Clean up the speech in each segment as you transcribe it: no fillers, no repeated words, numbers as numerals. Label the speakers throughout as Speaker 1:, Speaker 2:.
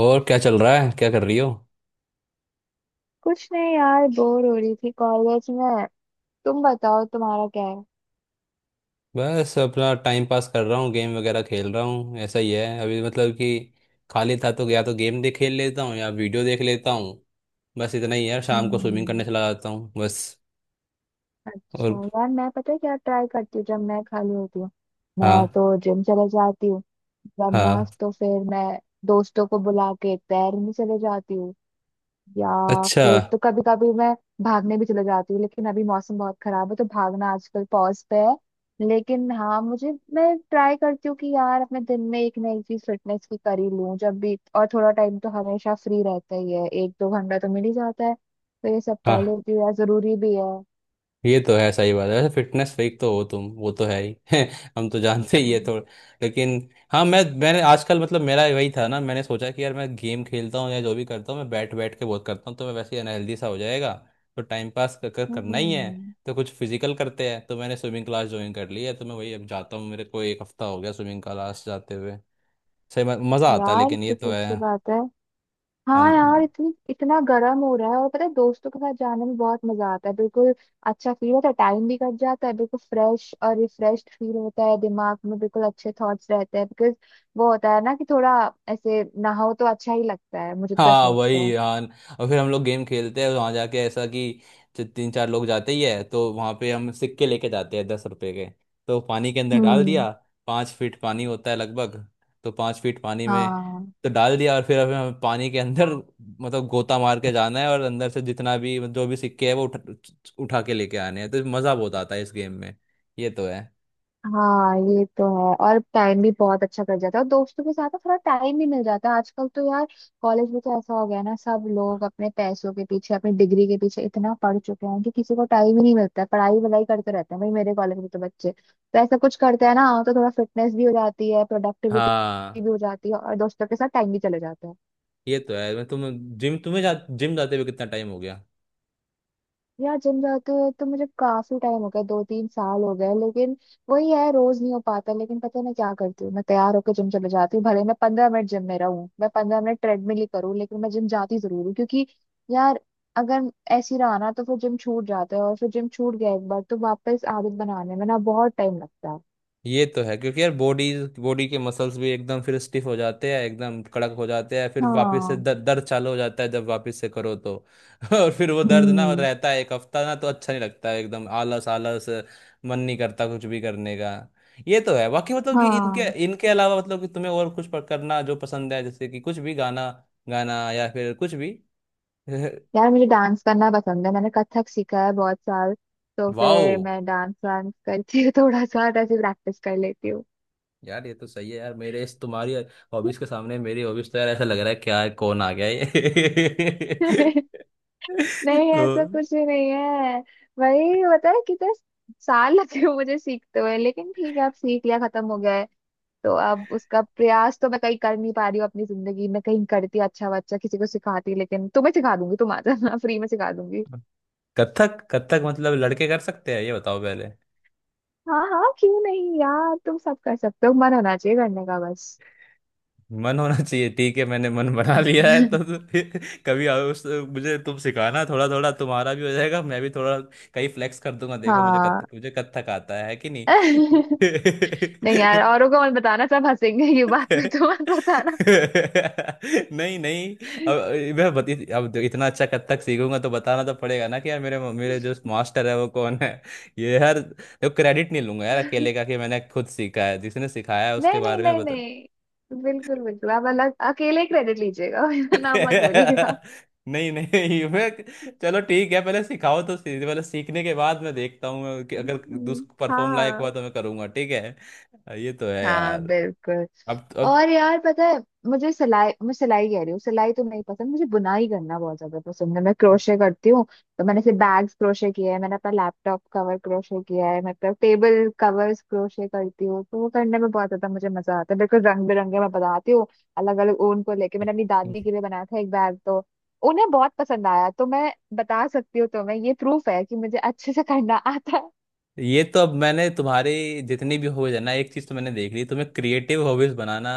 Speaker 1: और क्या चल रहा है? क्या कर रही हो?
Speaker 2: कुछ नहीं यार, बोर हो रही थी कॉलेज में। तुम बताओ, तुम्हारा क्या है?
Speaker 1: बस अपना टाइम पास कर रहा हूँ, गेम वगैरह खेल रहा हूँ। ऐसा ही है अभी, मतलब कि खाली था तो या तो गेम देख खेल लेता हूँ या वीडियो देख लेता हूँ। बस इतना ही है, शाम को स्विमिंग करने
Speaker 2: हम्म।
Speaker 1: चला जाता हूँ बस।
Speaker 2: अच्छा
Speaker 1: और।
Speaker 2: यार, मैं पता है क्या ट्राई करती हूँ जब मैं खाली होती हूँ। मैं
Speaker 1: हाँ।
Speaker 2: तो जिम चले जाती हूँ, वरना
Speaker 1: हाँ।
Speaker 2: तो फिर मैं दोस्तों को बुला के तैरने चले जाती हूँ, या
Speaker 1: अच्छा।
Speaker 2: फिर तो कभी कभी मैं भागने भी चले जाती हूँ। लेकिन अभी मौसम बहुत खराब है तो भागना आजकल पॉज पे है। लेकिन हाँ, मुझे मैं ट्राई करती हूँ कि यार अपने दिन में एक नई चीज फिटनेस की कर ही लूँ जब भी, और थोड़ा टाइम तो हमेशा फ्री रहता ही है, एक दो घंटा तो मिल ही जाता है, तो ये सब कर
Speaker 1: हाँ,
Speaker 2: लेती हूँ यार, जरूरी भी है।
Speaker 1: ये तो है, सही बात है। वैसे फिटनेस फ्रीक तो हो तुम, वो तो है ही। हम तो जानते ही है
Speaker 2: हम्म।
Speaker 1: थोड़ा, लेकिन। हाँ, मैंने आजकल, मतलब मेरा वही था ना, मैंने सोचा कि यार मैं गेम खेलता हूँ या जो भी करता हूँ, मैं बैठ बैठ के बहुत करता हूँ, तो मैं वैसे ही अनहेल्दी सा हो जाएगा। तो टाइम पास कर, कर करना ही है।
Speaker 2: हम्म,
Speaker 1: तो कुछ फिजिकल करते हैं, तो मैंने स्विमिंग क्लास ज्वाइन कर ली है। तो मैं वही अब जाता हूँ, मेरे को एक हफ्ता हो गया स्विमिंग क्लास जाते हुए। सही में मज़ा आता है,
Speaker 2: यार
Speaker 1: लेकिन ये
Speaker 2: ये
Speaker 1: तो
Speaker 2: तो
Speaker 1: है।
Speaker 2: अच्छी बात है। हाँ यार,
Speaker 1: हम।
Speaker 2: इतनी इतना गर्म हो रहा है, और पता है दोस्तों के साथ जाने में बहुत मजा आता है, बिल्कुल अच्छा फील होता है, टाइम भी कट जाता है, बिल्कुल फ्रेश और रिफ्रेश फील होता है, दिमाग में बिल्कुल अच्छे थॉट्स रहते हैं बिकॉज वो होता है ना कि थोड़ा ऐसे नहाओ तो अच्छा ही लगता है, मुझे तो ऐसा
Speaker 1: हाँ,
Speaker 2: लगता है।
Speaker 1: वही यार। और फिर हम लोग गेम खेलते हैं वहां जाके, ऐसा कि जो तीन चार लोग जाते ही है तो वहां पे हम सिक्के लेके जाते हैं, 10 रुपए के। तो पानी के अंदर डाल
Speaker 2: हम्म।
Speaker 1: दिया। 5 फीट पानी होता है लगभग। तो 5 फीट पानी में
Speaker 2: हाँ।
Speaker 1: तो डाल दिया, और फिर हमें हमें पानी के अंदर, मतलब गोता मार के जाना है, और अंदर से जितना भी, मतलब जो भी सिक्के है, वो उठा के लेके आने हैं। तो मजा बहुत आता है इस गेम में, ये तो है।
Speaker 2: हाँ, ये तो है, और टाइम भी बहुत अच्छा कट जाता है, और दोस्तों के साथ ना थोड़ा टाइम भी मिल जाता है आजकल तो यार। कॉलेज में तो ऐसा हो गया है ना, सब लोग अपने पैसों के पीछे अपनी डिग्री के पीछे इतना पढ़ चुके हैं कि किसी को टाइम ही नहीं मिलता है, पढ़ाई वढ़ाई करते रहते हैं भाई, मेरे कॉलेज में तो बच्चे तो ऐसा कुछ करते हैं ना, तो थोड़ा फिटनेस भी हो जाती है, प्रोडक्टिविटी
Speaker 1: हाँ,
Speaker 2: भी हो जाती है, और दोस्तों के साथ टाइम भी चले जाता है।
Speaker 1: ये तो है। तुम जिम जाते हुए कितना टाइम हो गया?
Speaker 2: यार जिम जाते हुए तो मुझे काफी टाइम हो गया, दो तीन साल हो गए। लेकिन वही है, रोज नहीं हो पाता। लेकिन पता है मैं क्या करती हूँ, मैं तैयार होकर जिम चले जाती हूँ, भले मैं 15 मिनट जिम में रहूँ, मैं 15 मिनट ट्रेडमिल ही करूँ, लेकिन मैं जिम जाती जरूर हूँ, क्योंकि यार अगर ऐसी रहा ना तो फिर जिम छूट जाता है, और फिर जिम छूट गया एक बार तो वापस आदत बनाने में ना बहुत टाइम लगता है।
Speaker 1: ये तो है, क्योंकि यार बॉडी बॉडी के मसल्स भी एकदम फिर स्टिफ हो जाते हैं, एकदम कड़क हो जाते हैं, फिर वापस से
Speaker 2: हाँ।
Speaker 1: दर्द चालू हो जाता है जब वापस से करो तो। और फिर वो दर्द ना
Speaker 2: हम्म।
Speaker 1: रहता है एक हफ्ता ना, तो अच्छा नहीं लगता है, एकदम आलस आलस। मन नहीं करता कुछ भी करने का। ये तो है। बाकी, मतलब कि इनके
Speaker 2: हाँ,
Speaker 1: इनके अलावा, मतलब कि तुम्हें और कुछ पर करना जो पसंद है, जैसे कि कुछ भी गाना गाना या फिर कुछ भी।
Speaker 2: यार मुझे डांस करना पसंद है, मैंने कथक सीखा है बहुत साल। तो
Speaker 1: वाओ।
Speaker 2: फिर मैं डांस वांस करके थोड़ा सा ऐसे प्रैक्टिस कर लेती हूँ।
Speaker 1: यार ये तो सही है यार, मेरे इस तुम्हारी हॉबीज के सामने मेरी हॉबीज तो, यार ऐसा लग रहा है क्या है, कौन आ गया ये।
Speaker 2: नहीं, ऐसा
Speaker 1: तो
Speaker 2: कुछ भी नहीं है। वही होता है, कितने साल लगे हुए मुझे सीखते हुए, लेकिन ठीक है, अब सीख लिया, खत्म हो गया है। तो अब उसका प्रयास तो मैं कहीं कर नहीं पा रही हूँ अपनी जिंदगी में, कहीं करती अच्छा बच्चा किसी को सिखाती, लेकिन तुम्हें सिखा दूंगी, तुम आ जाना, फ्री में सिखा दूंगी।
Speaker 1: कथक, कथक मतलब लड़के कर सकते हैं, ये बताओ पहले।
Speaker 2: हाँ हाँ, क्यों नहीं यार, तुम सब कर सकते हो, मन होना चाहिए करने का बस।
Speaker 1: मन होना चाहिए, ठीक है, मैंने मन बना लिया है तो फिर कभी आओ, उस मुझे तुम सिखाना थोड़ा थोड़ा, तुम्हारा भी हो जाएगा, मैं भी थोड़ा कहीं फ्लेक्स कर दूंगा, देखो मुझे
Speaker 2: हाँ।
Speaker 1: कथक, मुझे कथक आता है कि नहीं।
Speaker 2: नहीं यार, औरों को मत बताना, सब हंसेंगे ये बात पे, तो मत बताना।
Speaker 1: नहीं नहीं, अब अब इतना अच्छा कथक सीखूंगा तो बताना तो पड़ेगा ना कि यार मेरे मेरे जो मास्टर है वो कौन है। ये यार, देखो क्रेडिट नहीं लूंगा यार अकेले का कि मैंने खुद सीखा है, जिसने सिखाया है उसके
Speaker 2: नहीं नहीं
Speaker 1: बारे में
Speaker 2: नहीं
Speaker 1: बता।
Speaker 2: नहीं, बिल्कुल बिल्कुल, आप अलग अकेले क्रेडिट लीजिएगा, मेरा नाम मत बोलिएगा।
Speaker 1: नहीं नहीं मैं, चलो ठीक है, पहले सिखाओ तो सही, पहले सीखने के बाद मैं देखता हूँ मैं कि अगर दूस
Speaker 2: हम्म।
Speaker 1: परफॉर्म लायक
Speaker 2: हाँ।
Speaker 1: हुआ तो मैं करूंगा, ठीक है। ये तो है
Speaker 2: हाँ,
Speaker 1: यार।
Speaker 2: बिल्कुल।
Speaker 1: अब
Speaker 2: और यार पता है, मुझे सिलाई, मैं सिलाई कह रही हूँ, सिलाई तो नहीं पसंद, मुझे बुनाई करना बहुत ज्यादा पसंद है, मैं
Speaker 1: अब
Speaker 2: क्रोशे करती हूँ। तो मैंने से बैग्स क्रोशे किया है, मैंने अपना लैपटॉप कवर क्रोशे किया है, मतलब टेबल कवर्स क्रोशे करती हूँ, तो वो करने में बहुत ज्यादा मुझे मजा आता है, बिल्कुल रंग बिरंगे मैं बनाती हूँ, अलग अलग ऊन को लेके। मैंने अपनी दादी के लिए बनाया था एक बैग, तो उन्हें बहुत पसंद आया, तो मैं बता सकती हूँ तुम्हें, ये प्रूफ है कि मुझे अच्छे से करना आता।
Speaker 1: ये तो अब मैंने तुम्हारे जितनी भी हॉबीज है ना, एक चीज तो मैंने देख ली, तुम्हें क्रिएटिव हॉबीज बनाना,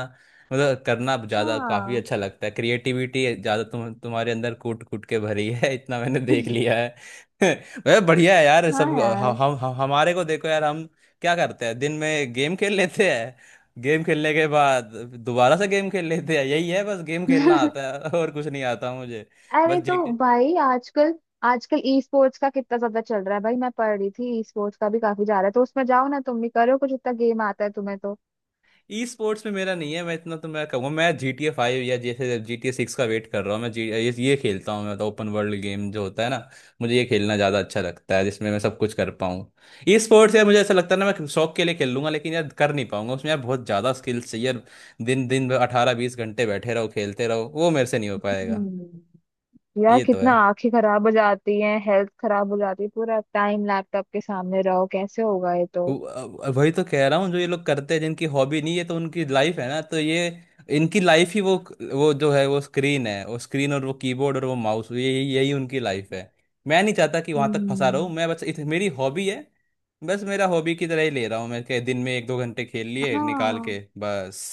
Speaker 1: मतलब करना ज्यादा काफी
Speaker 2: हाँ।
Speaker 1: अच्छा लगता है, क्रिएटिविटी ज्यादा तुम तुम्हारे अंदर कूट कूट के भरी है, इतना मैंने
Speaker 2: है।
Speaker 1: देख
Speaker 2: हाँ।
Speaker 1: लिया है। वह बढ़िया है यार,
Speaker 2: हाँ
Speaker 1: सब
Speaker 2: यार।
Speaker 1: हम हमारे को देखो यार, हम क्या करते हैं दिन में, गेम खेल लेते हैं, गेम खेलने के बाद दोबारा से गेम खेल लेते हैं, यही है। बस गेम खेलना आता है, और कुछ नहीं आता मुझे। बस
Speaker 2: अरे तो
Speaker 1: जी।
Speaker 2: भाई, आजकल आजकल ई स्पोर्ट्स का कितना ज्यादा चल रहा है भाई, मैं पढ़ रही थी ई स्पोर्ट्स का भी काफी जा रहा है, तो उसमें जाओ ना, तुम भी करो कुछ, इतना गेम आता है तुम्हें तो।
Speaker 1: ई स्पोर्ट्स में मेरा नहीं है, मैं इतना तो मैं कहूँगा, मैं GTA 5 या जैसे GTA 6 का वेट कर रहा हूँ। मैं जी ये खेलता हूँ मैं, मतलब ओपन वर्ल्ड गेम जो होता है ना, मुझे ये खेलना ज़्यादा अच्छा लगता है, जिसमें मैं सब कुछ कर पाऊँ। ई स्पोर्ट्स, यार मुझे ऐसा लगता है ना, मैं शौक के लिए खेल लूंगा, लेकिन यार कर नहीं पाऊंगा उसमें, यार बहुत ज़्यादा स्किल्स चाहिए यार। दिन दिन 18-20 घंटे बैठे रहो खेलते रहो, वो मेरे से नहीं हो पाएगा।
Speaker 2: हम्म। यार
Speaker 1: ये तो
Speaker 2: कितना
Speaker 1: है।
Speaker 2: आंखें खराब हो जाती हैं, हेल्थ खराब हो जाती है, पूरा टाइम लैपटॉप के सामने रहो, कैसे होगा ये तो।
Speaker 1: वो- वही तो कह रहा हूँ जो ये लोग करते हैं, जिनकी हॉबी नहीं है तो उनकी लाइफ है ना, तो ये इनकी लाइफ ही वो जो है वो स्क्रीन है, वो स्क्रीन और वो कीबोर्ड और वो माउस, ये यही यही उनकी लाइफ है। मैं नहीं चाहता कि वहां तक फंसा
Speaker 2: हम्म।
Speaker 1: रहूं मैं, बस मेरी हॉबी है, बस मेरा हॉबी की तरह ही ले रहा हूँ मैं के, दिन में एक दो घंटे खेल लिए निकाल के,
Speaker 2: हाँ।
Speaker 1: बस।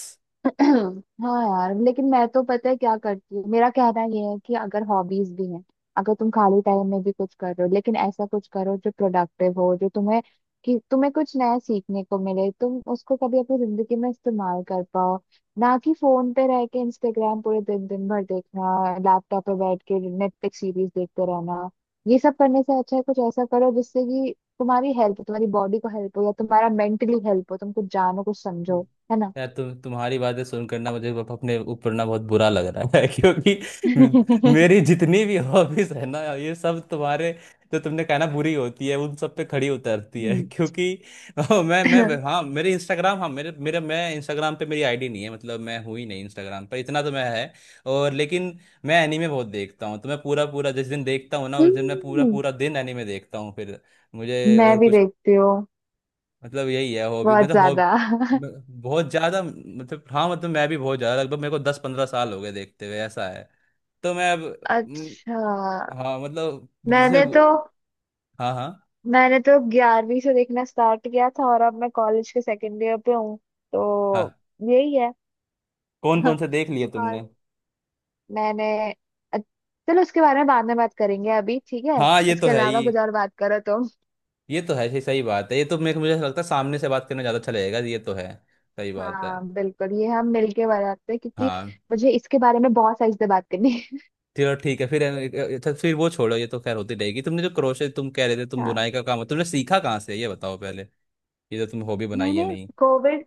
Speaker 2: हाँ यार, लेकिन मैं तो पता है क्या करती हूँ, मेरा कहना ये है कि अगर हॉबीज भी हैं, अगर तुम खाली टाइम में भी कुछ कर रहे हो, लेकिन ऐसा कुछ करो जो प्रोडक्टिव हो, जो तुम्हें कि तुम्हें कुछ नया सीखने को मिले, तुम उसको कभी अपनी जिंदगी में इस्तेमाल कर पाओ, ना कि फोन पे रह के इंस्टाग्राम पूरे दिन दिन भर देखना, लैपटॉप पे बैठ के नेटफ्लिक्स सीरीज देखते रहना, ये सब करने से अच्छा है कुछ ऐसा करो जिससे कि तुम्हारी हेल्प, तुम्हारी बॉडी को हेल्प हो, या तुम्हारा मेंटली हेल्प हो, तुम कुछ जानो कुछ
Speaker 1: हम्म।
Speaker 2: समझो, है ना।
Speaker 1: यार तुम तुम्हारी बातें सुनकर ना, मुझे अपने ऊपर ना बहुत बुरा लग रहा है, क्योंकि मेरी जितनी भी हॉबीज है ना, ये सब तुम्हारे जो तुमने कहा ना बुरी होती है उन सब पे खड़ी उतरती है।
Speaker 2: हम्म।
Speaker 1: क्योंकि ओ, मैं हाँ मेरे इंस्टाग्राम, हाँ मेरे मेरे मैं इंस्टाग्राम पे मेरी आईडी नहीं है, मतलब मैं हूँ ही नहीं इंस्टाग्राम पर, इतना तो मैं है। और लेकिन मैं एनीमे बहुत देखता हूँ, तो मैं पूरा पूरा जिस दिन देखता हूँ ना, उस दिन मैं पूरा
Speaker 2: हम्म,
Speaker 1: पूरा दिन एनीमे देखता हूँ। फिर मुझे
Speaker 2: मैं
Speaker 1: और
Speaker 2: भी
Speaker 1: कुछ,
Speaker 2: देखती हूँ
Speaker 1: मतलब यही है हॉबी,
Speaker 2: बहुत
Speaker 1: मतलब
Speaker 2: ज्यादा।
Speaker 1: हॉब म- बहुत ज्यादा, मतलब हाँ, मतलब मैं भी बहुत ज्यादा, लगभग मेरे को 10-15 साल हो गए देखते हुए, ऐसा है। तो मैं अब म,
Speaker 2: अच्छा।
Speaker 1: हाँ मतलब जैसे
Speaker 2: मैंने तो
Speaker 1: हाँ। हाँ।
Speaker 2: मैंने तो 11वीं से देखना स्टार्ट किया था, और अब मैं कॉलेज के सेकेंड ईयर पे हूँ, तो
Speaker 1: हाँ,
Speaker 2: यही है।
Speaker 1: कौन कौन से देख लिए तुमने?
Speaker 2: हाँ। मैंने अ- चलो उसके बारे में बाद में बात करेंगे अभी, ठीक है।
Speaker 1: हाँ, ये तो
Speaker 2: उसके
Speaker 1: है
Speaker 2: अलावा
Speaker 1: ही।
Speaker 2: कुछ और बात करो तुम।
Speaker 1: ये तो है, सही सही बात है। ये तो मेरे को, मुझे ऐसा लगता है सामने से बात करना ज्यादा अच्छा लगेगा, ये तो है, सही बात है।
Speaker 2: हाँ बिल्कुल, ये हम मिलके बात करते हैं, क्योंकि
Speaker 1: हाँ।
Speaker 2: मुझे इसके बारे में बहुत सारी से बात करनी है।
Speaker 1: चलो ठीक है फिर अच्छा, फिर वो छोड़ो, ये तो खैर होती रहेगी। तुमने जो क्रोशे तुम कह रहे थे, तुम
Speaker 2: हाँ।
Speaker 1: बुनाई का काम तुमने सीखा कहाँ से, ये बताओ पहले। ये तो तुम हॉबी बनाई है
Speaker 2: मैंने
Speaker 1: नहीं?
Speaker 2: कोविड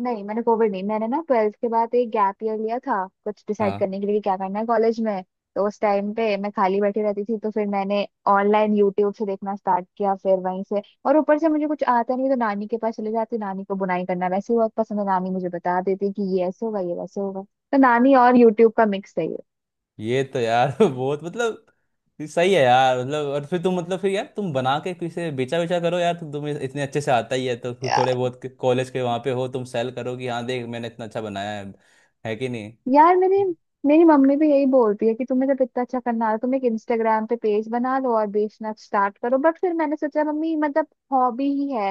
Speaker 2: नहीं, मैंने कोविड नहीं, मैंने ना ट्वेल्थ के बाद एक गैप ईयर लिया था कुछ डिसाइड
Speaker 1: हाँ,
Speaker 2: करने के लिए कि क्या करना है कॉलेज में। तो उस टाइम पे मैं खाली बैठी रहती थी, तो फिर मैंने ऑनलाइन यूट्यूब से देखना स्टार्ट किया, फिर वहीं से, और ऊपर से मुझे कुछ आता नहीं, तो नानी के पास चले जाती, नानी को बुनाई करना वैसे ही बहुत पसंद है, नानी मुझे बता देती कि ये ऐसे होगा ये वैसे होगा, तो नानी और यूट्यूब का मिक्स है।
Speaker 1: ये तो यार बहुत मतलब, ये सही है यार मतलब। और फिर तुम मतलब, फिर यार तुम बना के किसे बेचा, करो यार, तुम तुम्हें इतने अच्छे से आता ही है, तो थोड़े
Speaker 2: ये
Speaker 1: बहुत कॉलेज के वहाँ पे हो तुम, सेल करो कि हाँ देख मैंने इतना अच्छा बनाया है कि नहीं।
Speaker 2: यार, मेरी मेरी मम्मी भी यही बोलती है कि तुम्हें जब इतना अच्छा करना आ रहा है, तुम एक इंस्टाग्राम पे पेज बना लो और बेचना स्टार्ट करो, बट फिर मैंने सोचा मम्मी मतलब हॉबी ही है,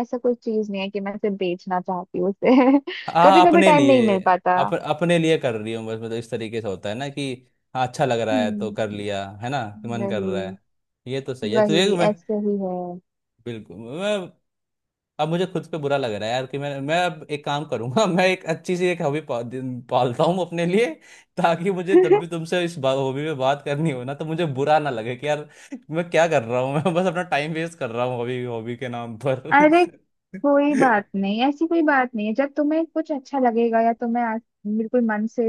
Speaker 2: ऐसा कोई चीज नहीं है कि मैं सिर्फ बेचना चाहती हूँ उसे, कभी
Speaker 1: हाँ,
Speaker 2: कभी
Speaker 1: अपने
Speaker 2: टाइम नहीं
Speaker 1: लिए,
Speaker 2: मिल पाता।
Speaker 1: अपने लिए कर रही हूँ बस, मतलब इस तरीके से होता है ना कि हाँ अच्छा लग रहा है तो कर
Speaker 2: हम्म।
Speaker 1: लिया है ना, मन कर रहा
Speaker 2: वही
Speaker 1: है, ये तो सही है। तो ये
Speaker 2: वही
Speaker 1: मैं,
Speaker 2: ऐसे ही है।
Speaker 1: बिल्कुल मैं अब, मुझे खुद पे बुरा लग रहा है यार कि मैं अब एक काम करूंगा, मैं एक अच्छी सी एक हॉबी पालता हूँ अपने लिए, ताकि मुझे तब भी तुमसे इस हॉबी में बात करनी हो ना, तो मुझे बुरा ना लगे कि यार मैं क्या कर रहा हूँ, मैं बस अपना टाइम वेस्ट कर रहा हूँ हॉबी हॉबी के नाम पर।
Speaker 2: अरे कोई बात नहीं, ऐसी कोई बात नहीं है, जब तुम्हें कुछ अच्छा लगेगा, या तुम्हें आज बिल्कुल मन से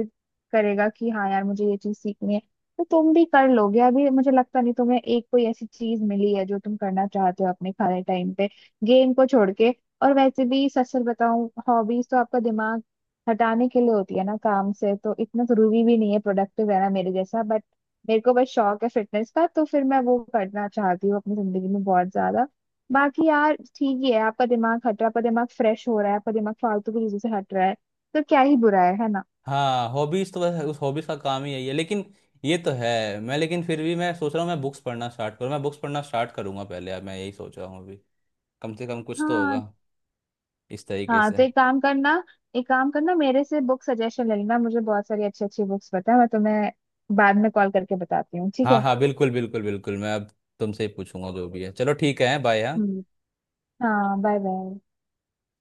Speaker 2: करेगा कि हाँ यार मुझे ये चीज सीखनी है, तो तुम भी कर लोगे। अभी मुझे लगता नहीं तुम्हें एक कोई ऐसी चीज मिली है जो तुम करना चाहते हो अपने खाली टाइम पे, गेम को छोड़ के। और वैसे भी, सच सच बताऊं, हॉबीज तो आपका दिमाग हटाने के लिए होती है ना काम से, तो इतना जरूरी भी नहीं है प्रोडक्टिव रहना मेरे जैसा, बट मेरे को बस शौक है फिटनेस का, तो फिर मैं वो करना चाहती हूँ अपनी जिंदगी में बहुत ज्यादा। बाकी यार ठीक ही है, आपका दिमाग हट रहा है, आपका दिमाग फ्रेश हो रहा है, आपका दिमाग फालतू की चीजों से हट रहा है, तो क्या ही बुरा है ना।
Speaker 1: हाँ, हॉबीज तो बस उस हॉबीज का काम ही यही है, लेकिन ये तो है। मैं लेकिन फिर भी मैं सोच रहा हूँ, मैं बुक्स पढ़ना स्टार्ट करूँ, मैं बुक्स पढ़ना स्टार्ट करूंगा पहले, अब मैं यही सोच रहा हूँ अभी, कम से कम कुछ तो
Speaker 2: हाँ।
Speaker 1: होगा इस तरीके
Speaker 2: हाँ,
Speaker 1: से।
Speaker 2: तो एक काम करना, एक काम करना, मेरे से बुक सजेशन ले लेना, मुझे बहुत सारी अच्छी अच्छी बुक्स पता है, मैं तुम्हें बाद में कॉल करके बताती हूँ, ठीक
Speaker 1: हाँ
Speaker 2: है।
Speaker 1: हाँ, बिल्कुल बिल्कुल बिल्कुल, मैं अब तुमसे ही पूछूंगा जो भी है। चलो ठीक है, बाय। हाँ।
Speaker 2: हम्म। हाँ, बाय बाय।